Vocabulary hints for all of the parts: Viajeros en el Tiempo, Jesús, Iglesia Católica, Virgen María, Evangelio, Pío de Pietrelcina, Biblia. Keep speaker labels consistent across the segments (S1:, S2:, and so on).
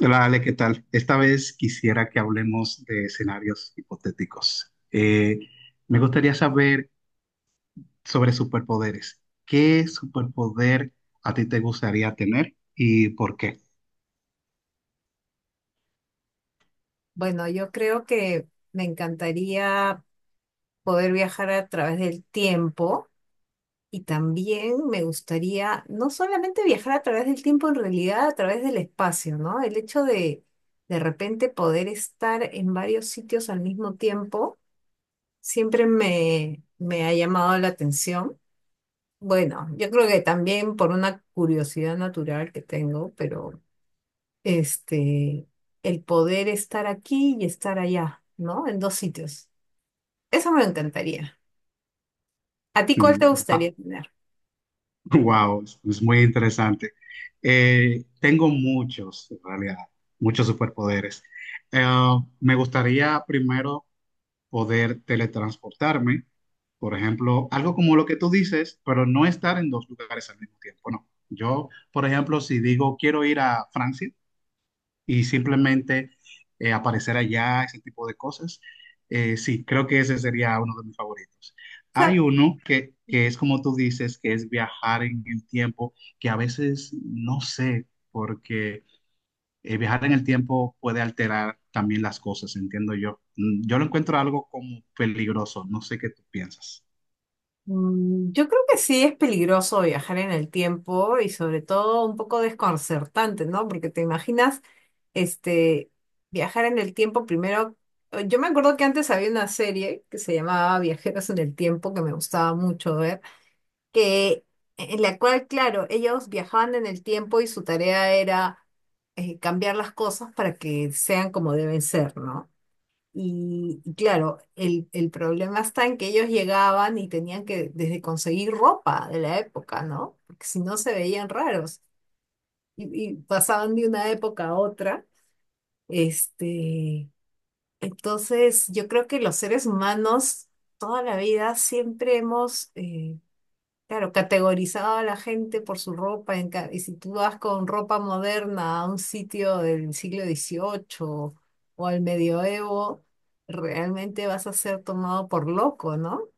S1: Hola Ale, ¿qué tal? Esta vez quisiera que hablemos de escenarios hipotéticos. Me gustaría saber sobre superpoderes. ¿Qué superpoder a ti te gustaría tener y por qué?
S2: Bueno, yo creo que me encantaría poder viajar a través del tiempo y también me gustaría no solamente viajar a través del tiempo, en realidad a través del espacio, ¿no? El hecho de repente poder estar en varios sitios al mismo tiempo siempre me ha llamado la atención. Bueno, yo creo que también por una curiosidad natural que tengo, pero este, el poder estar aquí y estar allá, ¿no? En dos sitios. Eso me encantaría. ¿A ti cuál te
S1: Mm,
S2: gustaría tener?
S1: Wow, es muy interesante. Tengo muchos, en realidad, muchos superpoderes. Eh, Me gustaría primero poder teletransportarme, por ejemplo, algo como lo que tú dices, pero no estar en dos lugares al mismo tiempo, no. Yo, por ejemplo, si digo quiero ir a Francia y simplemente aparecer allá, ese tipo de cosas, sí, creo que ese sería uno de mis favoritos.
S2: O sea,
S1: Hay uno que es como tú dices, que es viajar en el tiempo, que a veces no sé, porque viajar en el tiempo puede alterar también las cosas, entiendo yo. Yo lo encuentro algo como peligroso, no sé qué tú piensas.
S2: mm, yo creo que sí es peligroso viajar en el tiempo y sobre todo un poco desconcertante, ¿no? Porque te imaginas, este, viajar en el tiempo primero. Yo me acuerdo que antes había una serie que se llamaba Viajeros en el Tiempo, que me gustaba mucho ver, que en la cual, claro, ellos viajaban en el tiempo y su tarea era cambiar las cosas para que sean como deben ser, ¿no? Y claro, el problema está en que ellos llegaban y tenían que desde conseguir ropa de la época, ¿no? Porque si no se veían raros y, y pasaban de una época a otra. Este, entonces, yo creo que los seres humanos toda la vida siempre hemos, claro, categorizaba a la gente por su ropa. Y si tú vas con ropa moderna a un sitio del siglo XVIII o al medioevo, realmente vas a ser tomado por loco, ¿no?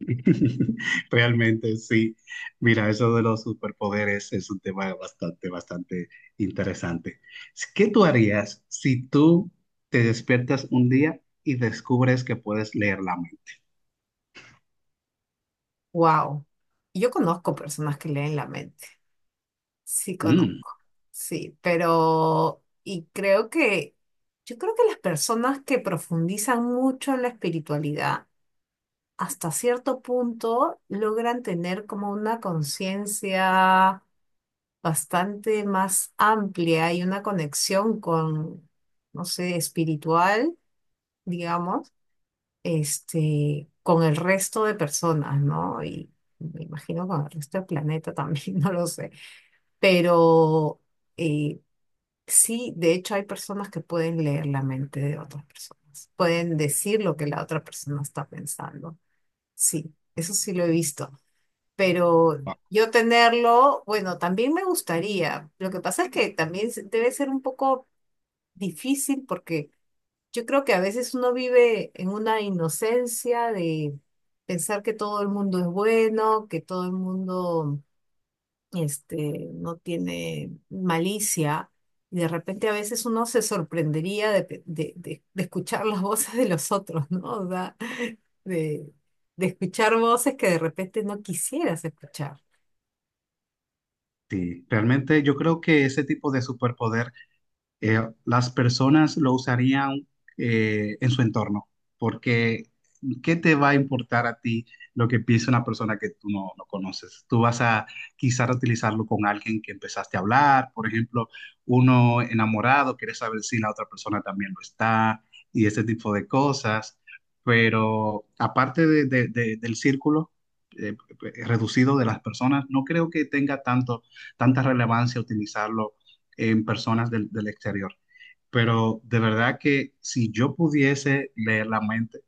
S1: Realmente sí. Mira, eso de los superpoderes es un tema bastante, bastante interesante. ¿Qué tú harías si tú te despiertas un día y descubres que puedes leer la mente?
S2: Wow. Yo conozco personas que leen la mente. Sí,
S1: Mm,
S2: conozco. Sí, pero. Y creo que. Yo creo que las personas que profundizan mucho en la espiritualidad, hasta cierto punto, logran tener como una conciencia bastante más amplia y una conexión con, no sé, espiritual, digamos, con el resto de personas, ¿no? Y me imagino con el resto del planeta también, no lo sé. Pero eh, sí, de hecho hay personas que pueden leer la mente de otras personas, pueden decir lo que la otra persona está pensando. Sí, eso sí lo he visto pero yo tenerlo, bueno, también me gustaría. Lo que pasa es que también debe ser un poco difícil porque yo creo que a veces uno vive en una inocencia de pensar que todo el mundo es bueno, que todo el mundo no tiene malicia. Y de repente a veces uno se sorprendería de, de escuchar las voces de los otros, ¿no? O sea, de, de escuchar voces que de repente no quisieras escuchar.
S1: sí, realmente yo creo que ese tipo de superpoder las personas lo usarían en su entorno, porque ¿qué te va a importar a ti lo que piensa una persona que tú no, no conoces? Tú vas a quizás utilizarlo con alguien que empezaste a hablar, por ejemplo, uno enamorado, quiere saber si la otra persona también lo está y ese tipo de cosas, pero aparte del círculo. eh, Reducido de las personas, no creo que tenga tanta relevancia utilizarlo en personas del exterior. Pero de verdad que si yo pudiese leer la mente,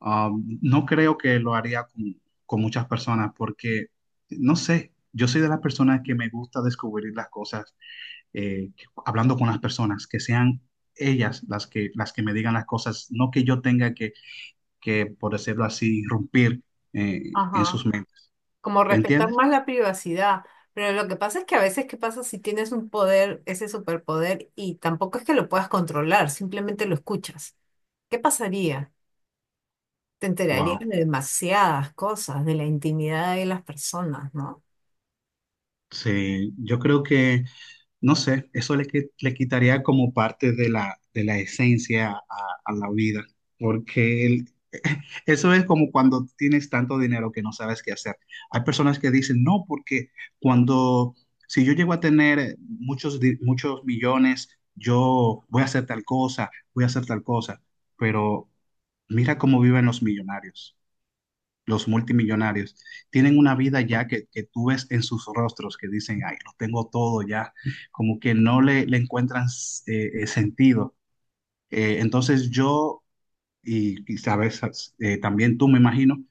S1: no creo que lo haría con muchas personas porque, no sé, yo soy de las personas que me gusta descubrir las cosas eh, hablando con las personas, que sean ellas las que me digan las cosas, no que yo tenga que por decirlo así, irrumpir en
S2: Ajá,
S1: sus mentes.
S2: como respetar
S1: ¿Entiendes?
S2: más la privacidad, pero lo que pasa es que a veces, ¿qué pasa si tienes un poder, ese superpoder, y tampoco es que lo puedas controlar, simplemente lo escuchas? ¿Qué pasaría? Te enterarías
S1: Wow.
S2: de demasiadas cosas, de la intimidad de las personas, ¿no?
S1: Sí, yo creo que no sé, eso le quitaría como parte de la esencia a la vida, porque eso es como cuando tienes tanto dinero que no sabes qué hacer. Hay personas que dicen, no, porque cuando, si yo llego a tener muchos millones, yo voy a hacer tal cosa, voy a hacer tal cosa, pero mira cómo viven los millonarios, los multimillonarios, tienen una vida ya que tú ves en sus rostros que dicen, ay, lo tengo todo ya, como que no le encuentran sentido. Entonces yo, y quizás también tú me imagino,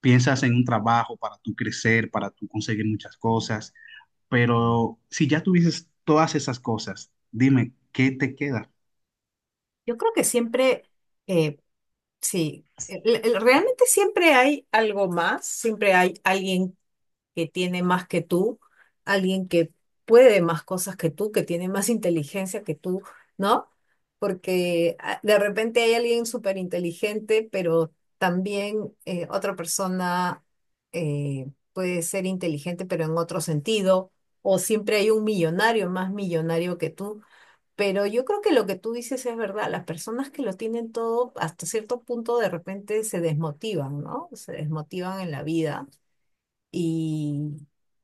S1: piensas en un trabajo para tú crecer, para tú conseguir muchas cosas, pero si ya tuvieses todas esas cosas, dime, ¿qué te queda?
S2: Yo creo que siempre, eh, sí, realmente siempre hay algo más, siempre hay alguien que tiene más que tú, alguien que puede más cosas que tú, que tiene más inteligencia que tú, ¿no? Porque ah, de repente hay alguien súper inteligente, pero también otra persona puede ser inteligente, pero en otro sentido, o siempre hay un millonario más millonario que tú. Pero yo creo que lo que tú dices es verdad. Las personas que lo tienen todo, hasta cierto punto, de repente se desmotivan, ¿no? Se desmotivan en la vida y,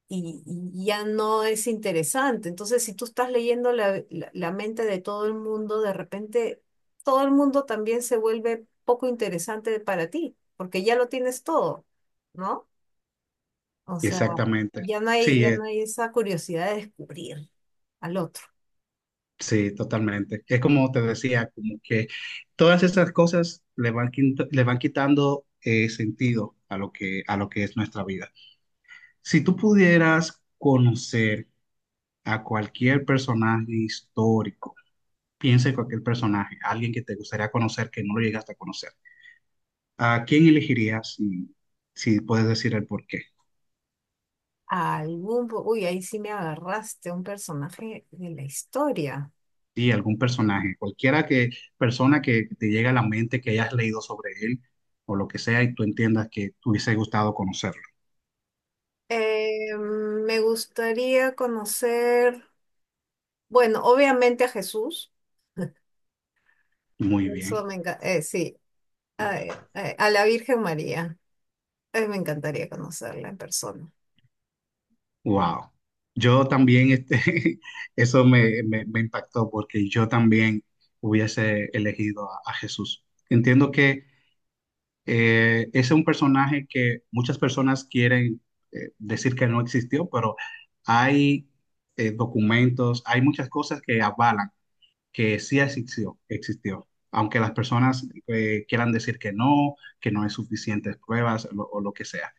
S2: y ya no es interesante. Entonces, si tú estás leyendo la mente de todo el mundo, de repente todo el mundo también se vuelve poco interesante para ti, porque ya lo tienes todo, ¿no? O sea,
S1: Exactamente.
S2: ya
S1: Sí,
S2: no hay esa curiosidad de descubrir al otro.
S1: sí, totalmente. Es como te decía, como que todas esas cosas le van quitando sentido a lo que es nuestra vida. Si tú pudieras conocer a cualquier personaje histórico, piensa en cualquier personaje, alguien que te gustaría conocer que no lo llegaste a conocer, ¿a quién elegirías y si puedes decir el por qué?
S2: Algún, uy, ahí sí me agarraste, un personaje de la historia.
S1: Sí, algún personaje, cualquiera, persona que te llegue a la mente, que hayas leído sobre él o lo que sea y tú entiendas que te hubiese gustado conocer.
S2: Me gustaría conocer, bueno, obviamente a Jesús.
S1: Muy
S2: Eso
S1: bien,
S2: me encanta. Sí, ay, ay, a la Virgen María. Ay, me encantaría conocerla en persona.
S1: wow. Yo también, eso me, me impactó porque yo también hubiese elegido a Jesús. Entiendo que ese es un personaje que muchas personas quieren decir que no existió, pero hay documentos, hay muchas cosas que avalan que sí existió, existió. Aunque las personas quieran decir que no hay suficientes pruebas o lo que sea.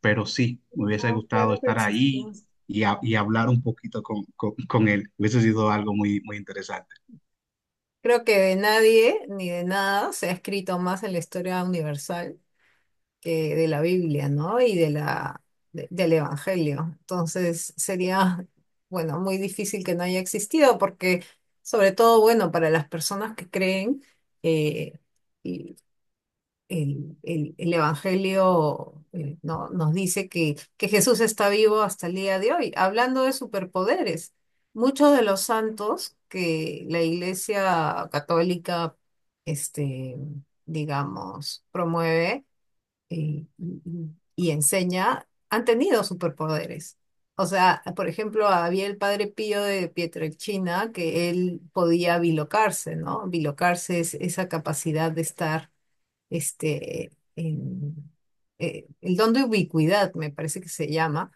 S1: Pero sí, me hubiese
S2: Oh,
S1: gustado
S2: claro que
S1: estar ahí
S2: existió.
S1: y hablar un poquito con él. Hubiese sido algo muy, muy interesante.
S2: Creo que de nadie ni de nada se ha escrito más en la historia universal que de la Biblia, ¿no? Y de la, del Evangelio. Entonces sería, bueno, muy difícil que no haya existido porque, sobre todo, bueno, para las personas que creen, eh, el, el Evangelio nos dice que Jesús está vivo hasta el día de hoy. Hablando de superpoderes, muchos de los santos que la Iglesia Católica, este, digamos, promueve eh, y, y- y enseña, han tenido superpoderes. O sea, por ejemplo, había el padre Pío de Pietrelcina que él podía bilocarse, ¿no? Bilocarse es esa capacidad de estar este, en- el don de ubicuidad, me parece que se llama,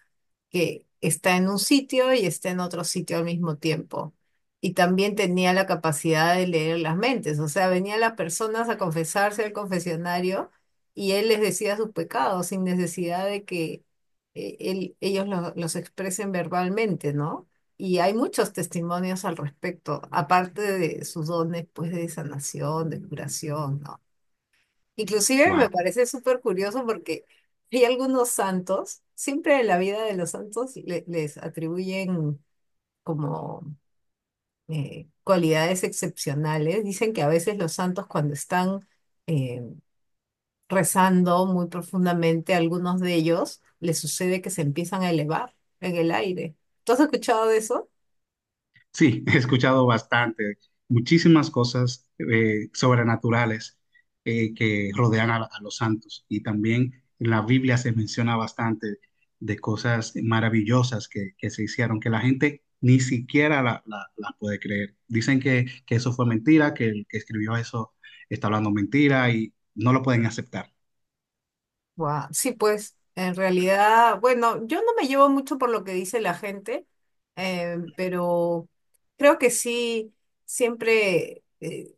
S2: que está en un sitio y está en otro sitio al mismo tiempo. Y también tenía la capacidad de leer las mentes, o sea, venían las personas a confesarse al confesionario y él les decía sus pecados sin necesidad de que ellos los expresen verbalmente, ¿no? Y hay muchos testimonios al respecto, aparte de sus dones, pues, de sanación, de curación, ¿no? Inclusive me
S1: Wow.
S2: parece súper curioso porque hay algunos santos, siempre en la vida de los santos les atribuyen como cualidades excepcionales. Dicen que a veces los santos cuando están eh, rezando muy profundamente, algunos de ellos les sucede que se empiezan a elevar en el aire. ¿Tú has escuchado de eso?
S1: Sí, he escuchado bastante, muchísimas cosas sobrenaturales que rodean a los santos. Y también en la Biblia se menciona bastante de cosas maravillosas que se hicieron, que la gente ni siquiera la puede creer. Dicen que eso fue mentira, que el que escribió eso está hablando mentira y no lo pueden aceptar.
S2: Guau, sí, pues en realidad, bueno, yo no me llevo mucho por lo que dice la gente, pero creo que sí, siempre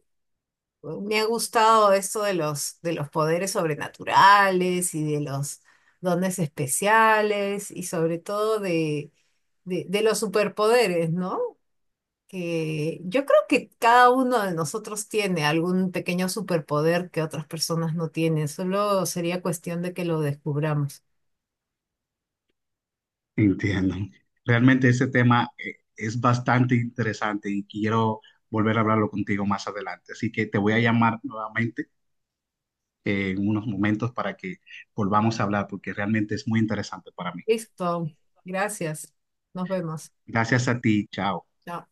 S2: me ha gustado esto de los poderes sobrenaturales y de los dones especiales y sobre todo de los superpoderes, ¿no? Que yo creo que cada uno de nosotros tiene algún pequeño superpoder que otras personas no tienen, solo sería cuestión de que lo descubramos.
S1: Entiendo. Realmente ese tema es bastante interesante y quiero volver a hablarlo contigo más adelante. Así que te voy a llamar nuevamente en unos momentos para que volvamos a hablar porque realmente es muy interesante para mí.
S2: Listo. Gracias. Nos vemos.
S1: Gracias a ti. Chao.
S2: Chao.